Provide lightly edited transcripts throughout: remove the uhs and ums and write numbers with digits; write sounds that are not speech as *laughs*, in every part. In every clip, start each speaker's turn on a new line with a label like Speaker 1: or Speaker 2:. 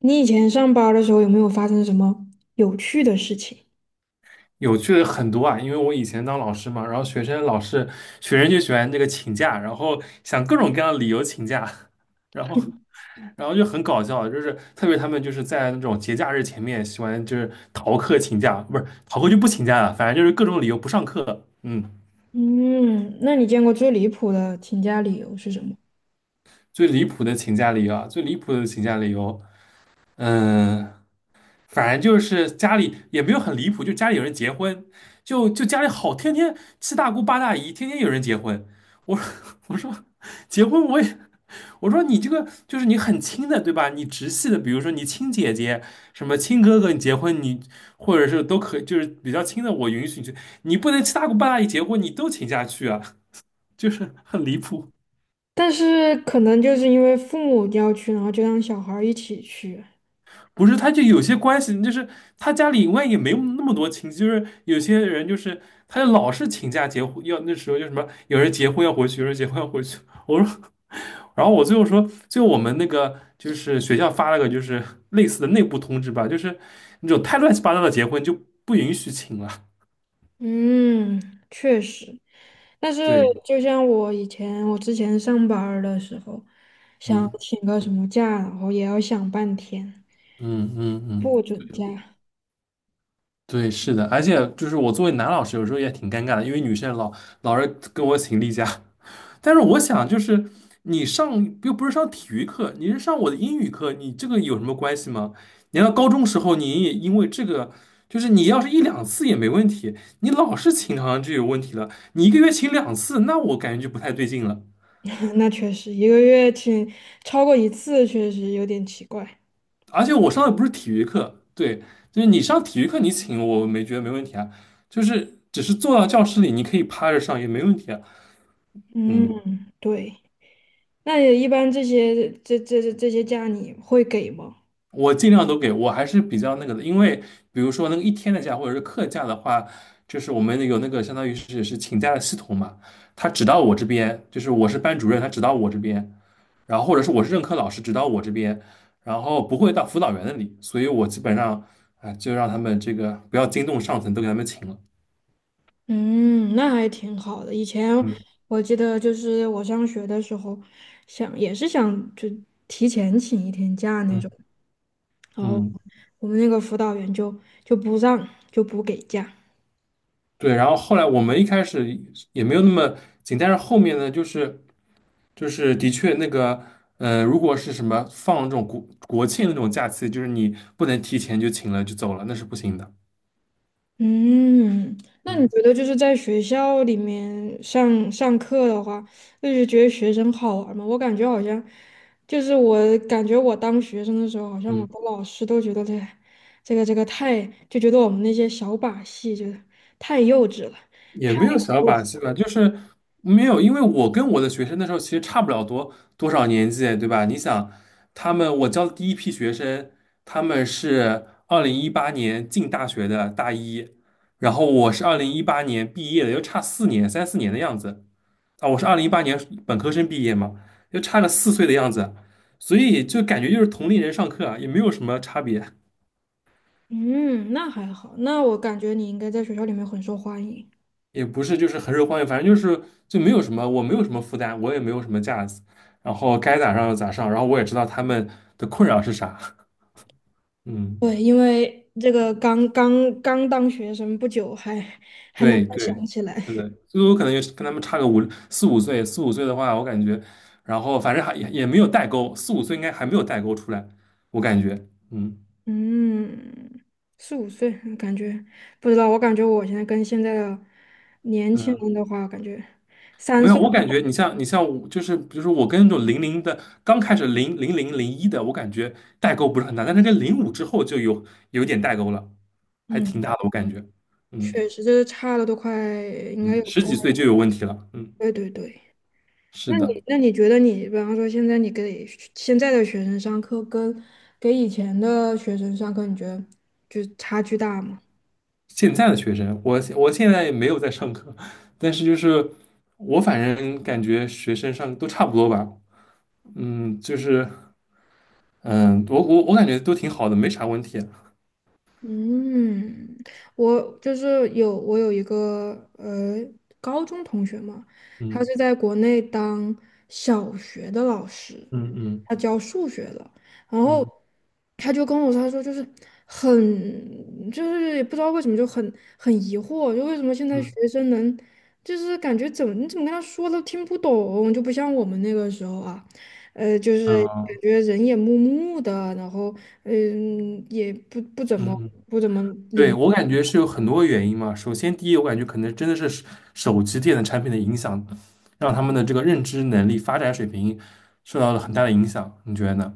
Speaker 1: 你以前上班儿的时候有没有发生什么有趣的事情？
Speaker 2: 有趣的很多啊，因为我以前当老师嘛，然后学生就喜欢这个请假，然后想各种各样的理由请假，*laughs* 然后然后就很搞笑，就是特别他们就是在那种节假日前面喜欢就是逃课请假，不是逃课就不请假了，反正就是各种理由不上课。嗯，
Speaker 1: 嗯，那你见过最离谱的请假理由是什么？
Speaker 2: 最离谱的请假理由啊，最离谱的请假理由，嗯。反正就是家里也没有很离谱，就家里有人结婚，就家里好，天天七大姑八大姨，天天有人结婚。我 *laughs* 我说结婚我也我说你这个就是你很亲的对吧？你直系的，比如说你亲姐姐、什么亲哥哥，你结婚你或者是都可以，就是比较亲的，我允许你去，你不能七大姑八大姨结婚你都请假去啊，就是很离谱。
Speaker 1: 但是可能就是因为父母要去，然后就让小孩儿一起去。
Speaker 2: 不是，他就有些关系，就是他家里万一也没有那么多亲戚，就是有些人就是他就老是请假结婚，要那时候就什么有人结婚要回去，有人结婚要回去。我说，*laughs* 然后我最后说，最后我们那个就是学校发了个就是类似的内部通知吧，就是那种太乱七八糟的结婚就不允许请了。
Speaker 1: 嗯，确实。但是
Speaker 2: 对，
Speaker 1: 就像我以前，我之前上班儿的时候，想
Speaker 2: 嗯
Speaker 1: 请个什么假，然后也要想半天，
Speaker 2: 嗯嗯嗯，
Speaker 1: 不准假。
Speaker 2: 对，是的，而且就是我作为男老师，有时候也挺尴尬的，因为女生老是跟我请例假。*laughs* 但是我想，就是你上又不是上体育课，你是上我的英语课，你这个有什么关系吗？你要高中时候你也因为这个，就是你要是一两次也没问题，你老是请好像就有问题了。你一个月请两次，那我感觉就不太对劲了。
Speaker 1: *laughs* 那确实，一个月请超过一次，确实有点奇怪。
Speaker 2: 而且我上的不是体育课，对，就是你上体育课你请我没觉得没问题啊，就是只是坐到教室里你可以趴着上也没问题啊。嗯，
Speaker 1: 嗯，对。那也一般这些这些假你会给吗？
Speaker 2: 我尽量都给我还是比较那个的，因为比如说那个一天的假或者是课假的话，就是我们有那个相当于是请假的系统嘛，他只到我这边，就是我是班主任，他只到我这边，然后或者是我是任课老师，只到我这边，然后不会到辅导员那里，所以我基本上啊、哎就让他们这个不要惊动上层，都给他们请了。
Speaker 1: 嗯，那还挺好的。以前
Speaker 2: 嗯。
Speaker 1: 我记得就是我上学的时候想，也是想就提前请一天假那种，
Speaker 2: 嗯
Speaker 1: 然后
Speaker 2: 嗯。
Speaker 1: 我们那个辅导员就不让，就不给假。
Speaker 2: 对，然后后来我们一开始也没有那么紧，但是后面呢，就是就是的确那个，如果是什么放这种国庆那种假期，就是你不能提前就请了就走了，那是不行的。
Speaker 1: 嗯，那你
Speaker 2: 嗯
Speaker 1: 觉得就是在学校里面上课的话，就是觉得学生好玩吗？我感觉好像，就是我感觉我当学生的时候，好像我的老师都觉得这这个太，就觉得我们那些小把戏就是太幼稚了。
Speaker 2: 也没有小把戏吧，就是没有，因为我跟我的学生那时候其实差不了多少年纪，对吧？你想，他们我教的第一批学生，他们是二零一八年进大学的大一，然后我是二零一八年毕业的，又差四年，三四年的样子啊。我是二零一八年本科生毕业嘛，又差了四岁的样子，所以就感觉就是同龄人上课啊，也没有什么差别。
Speaker 1: 嗯，那还好，那我感觉你应该在学校里面很受欢迎。
Speaker 2: 也不是就是很受欢迎，反正就是就没有什么，我没有什么负担，我也没有什么架子，然后该咋上就咋上，然后我也知道他们的困扰是啥，嗯，
Speaker 1: 对，因为这个刚当学生不久还能
Speaker 2: 对
Speaker 1: 够
Speaker 2: 对，
Speaker 1: 想起
Speaker 2: 是
Speaker 1: 来。
Speaker 2: 的，所以我可能也是跟他们差个四五岁，四五岁的话，我感觉，然后反正还也没有代沟，四五岁应该还没有代沟出来，我感觉，嗯
Speaker 1: 嗯，四五岁，感觉不知道，我感觉我现在跟现在的年轻
Speaker 2: 嗯，
Speaker 1: 人的话，感觉三
Speaker 2: 没有，
Speaker 1: 岁。
Speaker 2: 我感觉你像我，就是比如说我跟那种零零的，刚开始零零、零一的，我感觉代沟不是很大，但是跟零五之后就有点代沟了，还挺大
Speaker 1: 嗯，
Speaker 2: 的，我感觉，嗯
Speaker 1: 确实就是差了都快应该
Speaker 2: 嗯，
Speaker 1: 有
Speaker 2: 十
Speaker 1: 快，
Speaker 2: 几岁就有问题了，嗯，
Speaker 1: 对对对。
Speaker 2: 是
Speaker 1: 那你
Speaker 2: 的，
Speaker 1: 觉得你，比方说现在你给学现在的学生上课跟给以前的学生上课，你觉得就差距大吗？
Speaker 2: 现在的学生，我现在也没有在上课，但是就是我反正感觉学生上都差不多吧，嗯，就是嗯，我感觉都挺好的，没啥问题，
Speaker 1: 嗯，我就是有一个高中同学嘛，他
Speaker 2: 嗯
Speaker 1: 是在国内当小学的老师，
Speaker 2: 嗯嗯
Speaker 1: 他教数学的，然后
Speaker 2: 嗯
Speaker 1: 他就跟我说，他说就是很就是也不知道为什么很疑惑，就为什么现在学
Speaker 2: 嗯
Speaker 1: 生能就是感觉怎么你怎么跟他说都听不懂，就不像我们那个时候啊。呃，就是
Speaker 2: 嗯嗯。
Speaker 1: 感觉人也木木的，然后嗯，也不怎么
Speaker 2: 嗯
Speaker 1: 不怎么
Speaker 2: 对，
Speaker 1: 灵。
Speaker 2: 我感觉是有很多原因嘛。首先，第一，我感觉可能真的是手机电子产品的影响，让他们的这个认知能力发展水平受到了很大的影响。你觉得呢？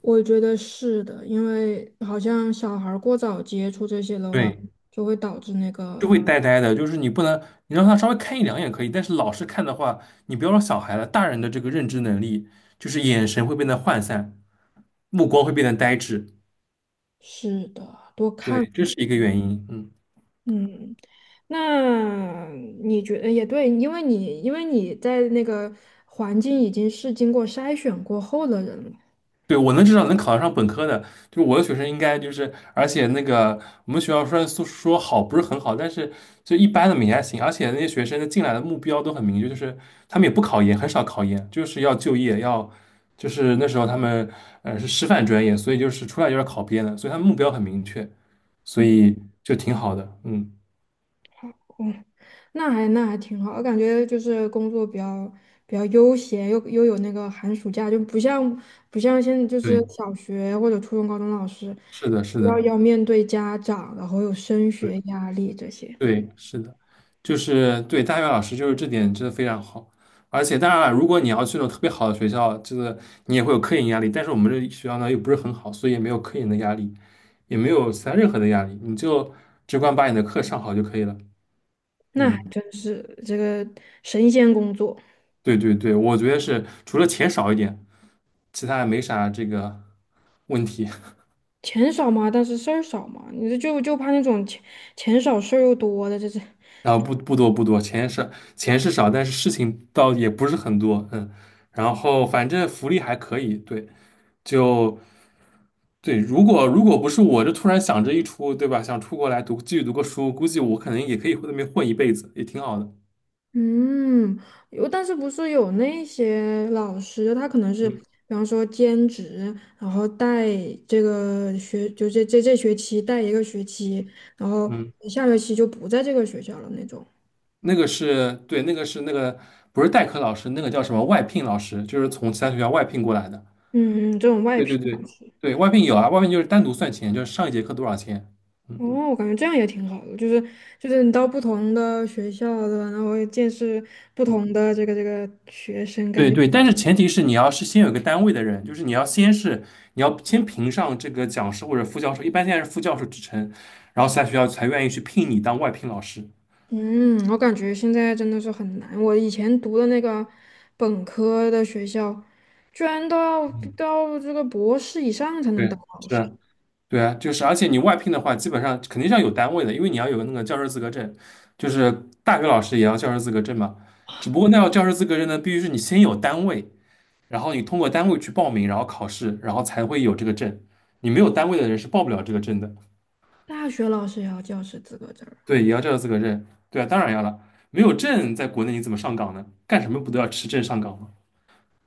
Speaker 1: 我觉得是的，因为好像小孩儿过早接触这些的话，
Speaker 2: 对，
Speaker 1: 就会导致那个，
Speaker 2: 就会呆呆的，就是你不能，你让他稍微看一两眼可以，但是老是看的话，你不要说小孩了，大人的这个认知能力，就是眼神会变得涣散，目光会变得呆滞。
Speaker 1: 是的，多看。
Speaker 2: 对，这是一个原因。嗯。
Speaker 1: 嗯，那你觉得也对，因为因为你在那个环境已经是经过筛选过后的人了。
Speaker 2: 对，我能至少能考得上本科的，就是我的学生应该就是，而且那个我们学校虽然说好不是很好，但是就一般的也还行，而且那些学生的进来的目标都很明确，就是他们也不考研，很少考研，就是要就业，要就是那时候他们是师范专业，所以就是出来就是考编的，所以他们目标很明确，所
Speaker 1: 嗯，
Speaker 2: 以就挺好的，嗯，
Speaker 1: 那还挺好，我感觉就是工作比较比较悠闲，又有那个寒暑假，就不像现在就是
Speaker 2: 对
Speaker 1: 小学或者初中、高中老师
Speaker 2: 是的，是
Speaker 1: 要
Speaker 2: 的。
Speaker 1: 面对家长，然后有升学压力这些，
Speaker 2: 对，是的，就是对大学老师就是这点真的非常好，而且当然了，如果你要去那种特别好的学校，这个你也会有科研压力，但是我们这学校呢又不是很好，所以也没有科研的压力，也没有其他任何的压力，你就只管把你的课上好就可以了。
Speaker 1: 那还
Speaker 2: 嗯，
Speaker 1: 真是这个神仙工作，
Speaker 2: 对对对，我觉得是除了钱少一点，其他也没啥这个问题。
Speaker 1: 钱少嘛，但是事儿少嘛，你这就怕那种钱少事儿又多的，这是。
Speaker 2: 然后不多，钱是少，但是事情倒也不是很多，嗯，然后反正福利还可以，对。就对，如果不是我，就突然想着一出，对吧？想出国来读，继续读个书，估计我可能也可以在那边混一辈子，也挺好的。
Speaker 1: 嗯，有，但是不是有那些老师，他可能是，比
Speaker 2: 嗯
Speaker 1: 方说兼职，然后带这个学，就这学期带一个学期，然后
Speaker 2: 嗯，
Speaker 1: 下学期就不在这个学校了那种。
Speaker 2: 那个是对，那个是那个不是代课老师，那个叫什么外聘老师，就是从其他学校外聘过来的。
Speaker 1: 嗯嗯，这种外
Speaker 2: 对
Speaker 1: 聘
Speaker 2: 对
Speaker 1: 老
Speaker 2: 对
Speaker 1: 师。
Speaker 2: 对，外聘有啊，外聘就是单独算钱，就是上一节课多少钱。
Speaker 1: 嗯
Speaker 2: 嗯，
Speaker 1: 哦，我感觉这样也挺好的，就是你到不同的学校的，然后见识不同的这个学生，感
Speaker 2: 对
Speaker 1: 觉。
Speaker 2: 对，但是前提是你要是先有一个单位的人，就是你要先评上这个讲师或者副教授，一般现在是副教授职称，然后其他学校才愿意去聘你当外聘老师。
Speaker 1: 嗯，我感觉现在真的是很难。我以前读的那个本科的学校，居然都要
Speaker 2: 嗯。
Speaker 1: 到这个博士以上才能
Speaker 2: 对，
Speaker 1: 当老
Speaker 2: 是
Speaker 1: 师，
Speaker 2: 啊，对啊，就是，而且你外聘的话，基本上肯定是要有单位的，因为你要有个那个教师资格证，就是大学老师也要教师资格证嘛。只不过那要教师资格证呢，必须是你先有单位，然后你通过单位去报名，然后考试，然后才会有这个证。你没有单位的人是报不了这个证的。
Speaker 1: 大学老师也要教师资格证儿啊。
Speaker 2: 对，也要教师资格证。对啊，当然要了，没有证在国内你怎么上岗呢？干什么不都要持证上岗吗？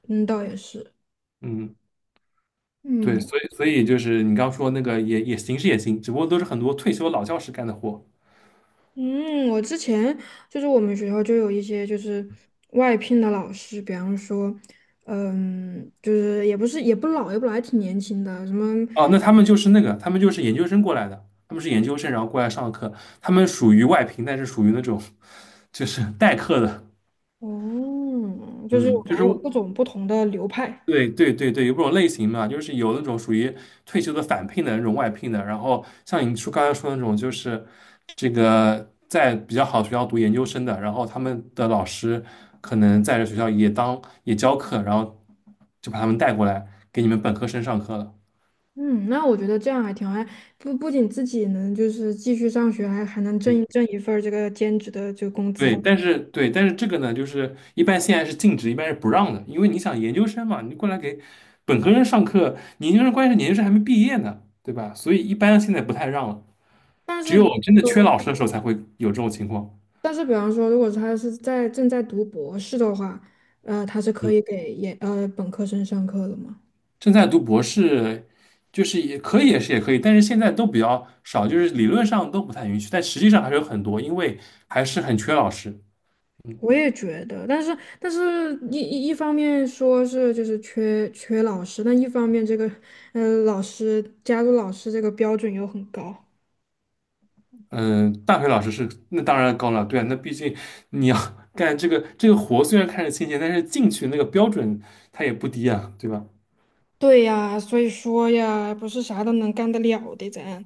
Speaker 1: 嗯，倒也是。
Speaker 2: 嗯，
Speaker 1: 嗯
Speaker 2: 对，所以所以就是你刚说那个也也行是也行，只不过都是很多退休老教师干的活。
Speaker 1: 嗯，我之前就是我们学校就有一些就是外聘的老师，比方说，嗯，就是也不老，还挺年轻的，什么。
Speaker 2: 哦，那他们就是那个，他们就是研究生过来的，他们是研究生，然后过来上课，他们属于外聘，但是属于那种就是代课的，
Speaker 1: 哦，就是
Speaker 2: 嗯，
Speaker 1: 反
Speaker 2: 就是
Speaker 1: 正有各种不同的流派。
Speaker 2: 对对对对，有这种类型嘛，就是有那种属于退休的返聘的那种外聘的，然后像你说刚才说的那种，就是这个在比较好的学校读研究生的，然后他们的老师可能在这学校也当也教课，然后就把他们带过来给你们本科生上课了。
Speaker 1: 嗯，那我觉得这样还挺好，还不仅自己能就是继续上学，还能挣一份儿这个兼职的这个工
Speaker 2: 对，
Speaker 1: 资。
Speaker 2: 但是对，但是这个呢，就是一般现在是禁止，一般是不让的，因为你想研究生嘛，你过来给本科生上课，你研究生关键是研究生还没毕业呢，对吧？所以一般现在不太让了，
Speaker 1: 但
Speaker 2: 只
Speaker 1: 是比
Speaker 2: 有真的缺老师的时候才会有这种情况。
Speaker 1: 但是比方说，如果他是在正在读博士的话，呃，他是可
Speaker 2: 嗯，
Speaker 1: 以给研呃本科生上课的嘛？
Speaker 2: 正在读博士，就是也可以，也是也可以，但是现在都比较少，就是理论上都不太允许，但实际上还是有很多，因为还是很缺老师。嗯
Speaker 1: 我也觉得，但是一方面说是就是缺老师，但一方面这个呃老师加入老师这个标准又很高。
Speaker 2: 嗯，大学老师是那当然高了，对啊，那毕竟你要 *laughs* 干这个活，虽然看着清闲，但是进去那个标准它也不低啊，对吧？
Speaker 1: 对呀，所以说呀，不是啥都能干得了的，咱。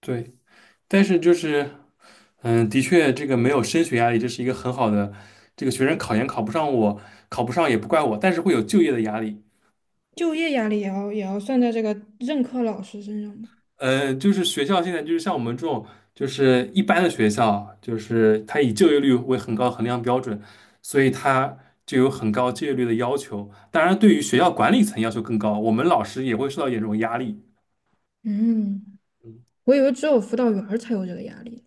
Speaker 2: 对，但是就是，嗯，的确这个没有升学压力，这是一个很好的，这个学生考研考不上我，考不上也不怪我，但是会有就业的压力。
Speaker 1: 就业压力也要算在这个任课老师身上吗？
Speaker 2: 就是学校现在就是像我们这种，就是一般的学校，就是它以就业率为很高衡量标准，所以它就有很高就业率的要求。当然，对于学校管理层要求更高，我们老师也会受到严重压力。
Speaker 1: 嗯，我以为只有辅导员儿才有这个压力。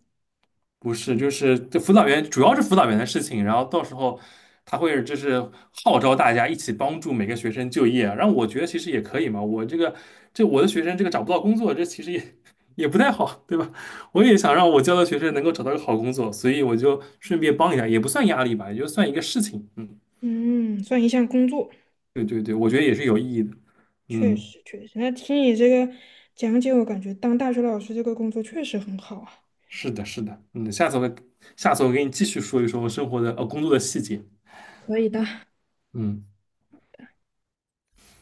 Speaker 2: 不是，就是这辅导员主要是辅导员的事情，然后到时候他会就是号召大家一起帮助每个学生就业啊，然后我觉得其实也可以嘛，我的学生这个找不到工作，这其实也 *laughs* 也不太好，对吧？我也想让我教的学生能够找到个好工作，所以我就顺便帮一下，也不算压力吧，也就算一个事情。嗯，
Speaker 1: 嗯，算一项工作，
Speaker 2: 对对对，我觉得也是有意义的。
Speaker 1: 确
Speaker 2: 嗯，
Speaker 1: 实确实。那听你这个讲解，我感觉当大学老师这个工作确实很好啊。
Speaker 2: 是的，是的，嗯，下次我给你继续说一说我生活的工作的细节。
Speaker 1: 可以的。
Speaker 2: 嗯。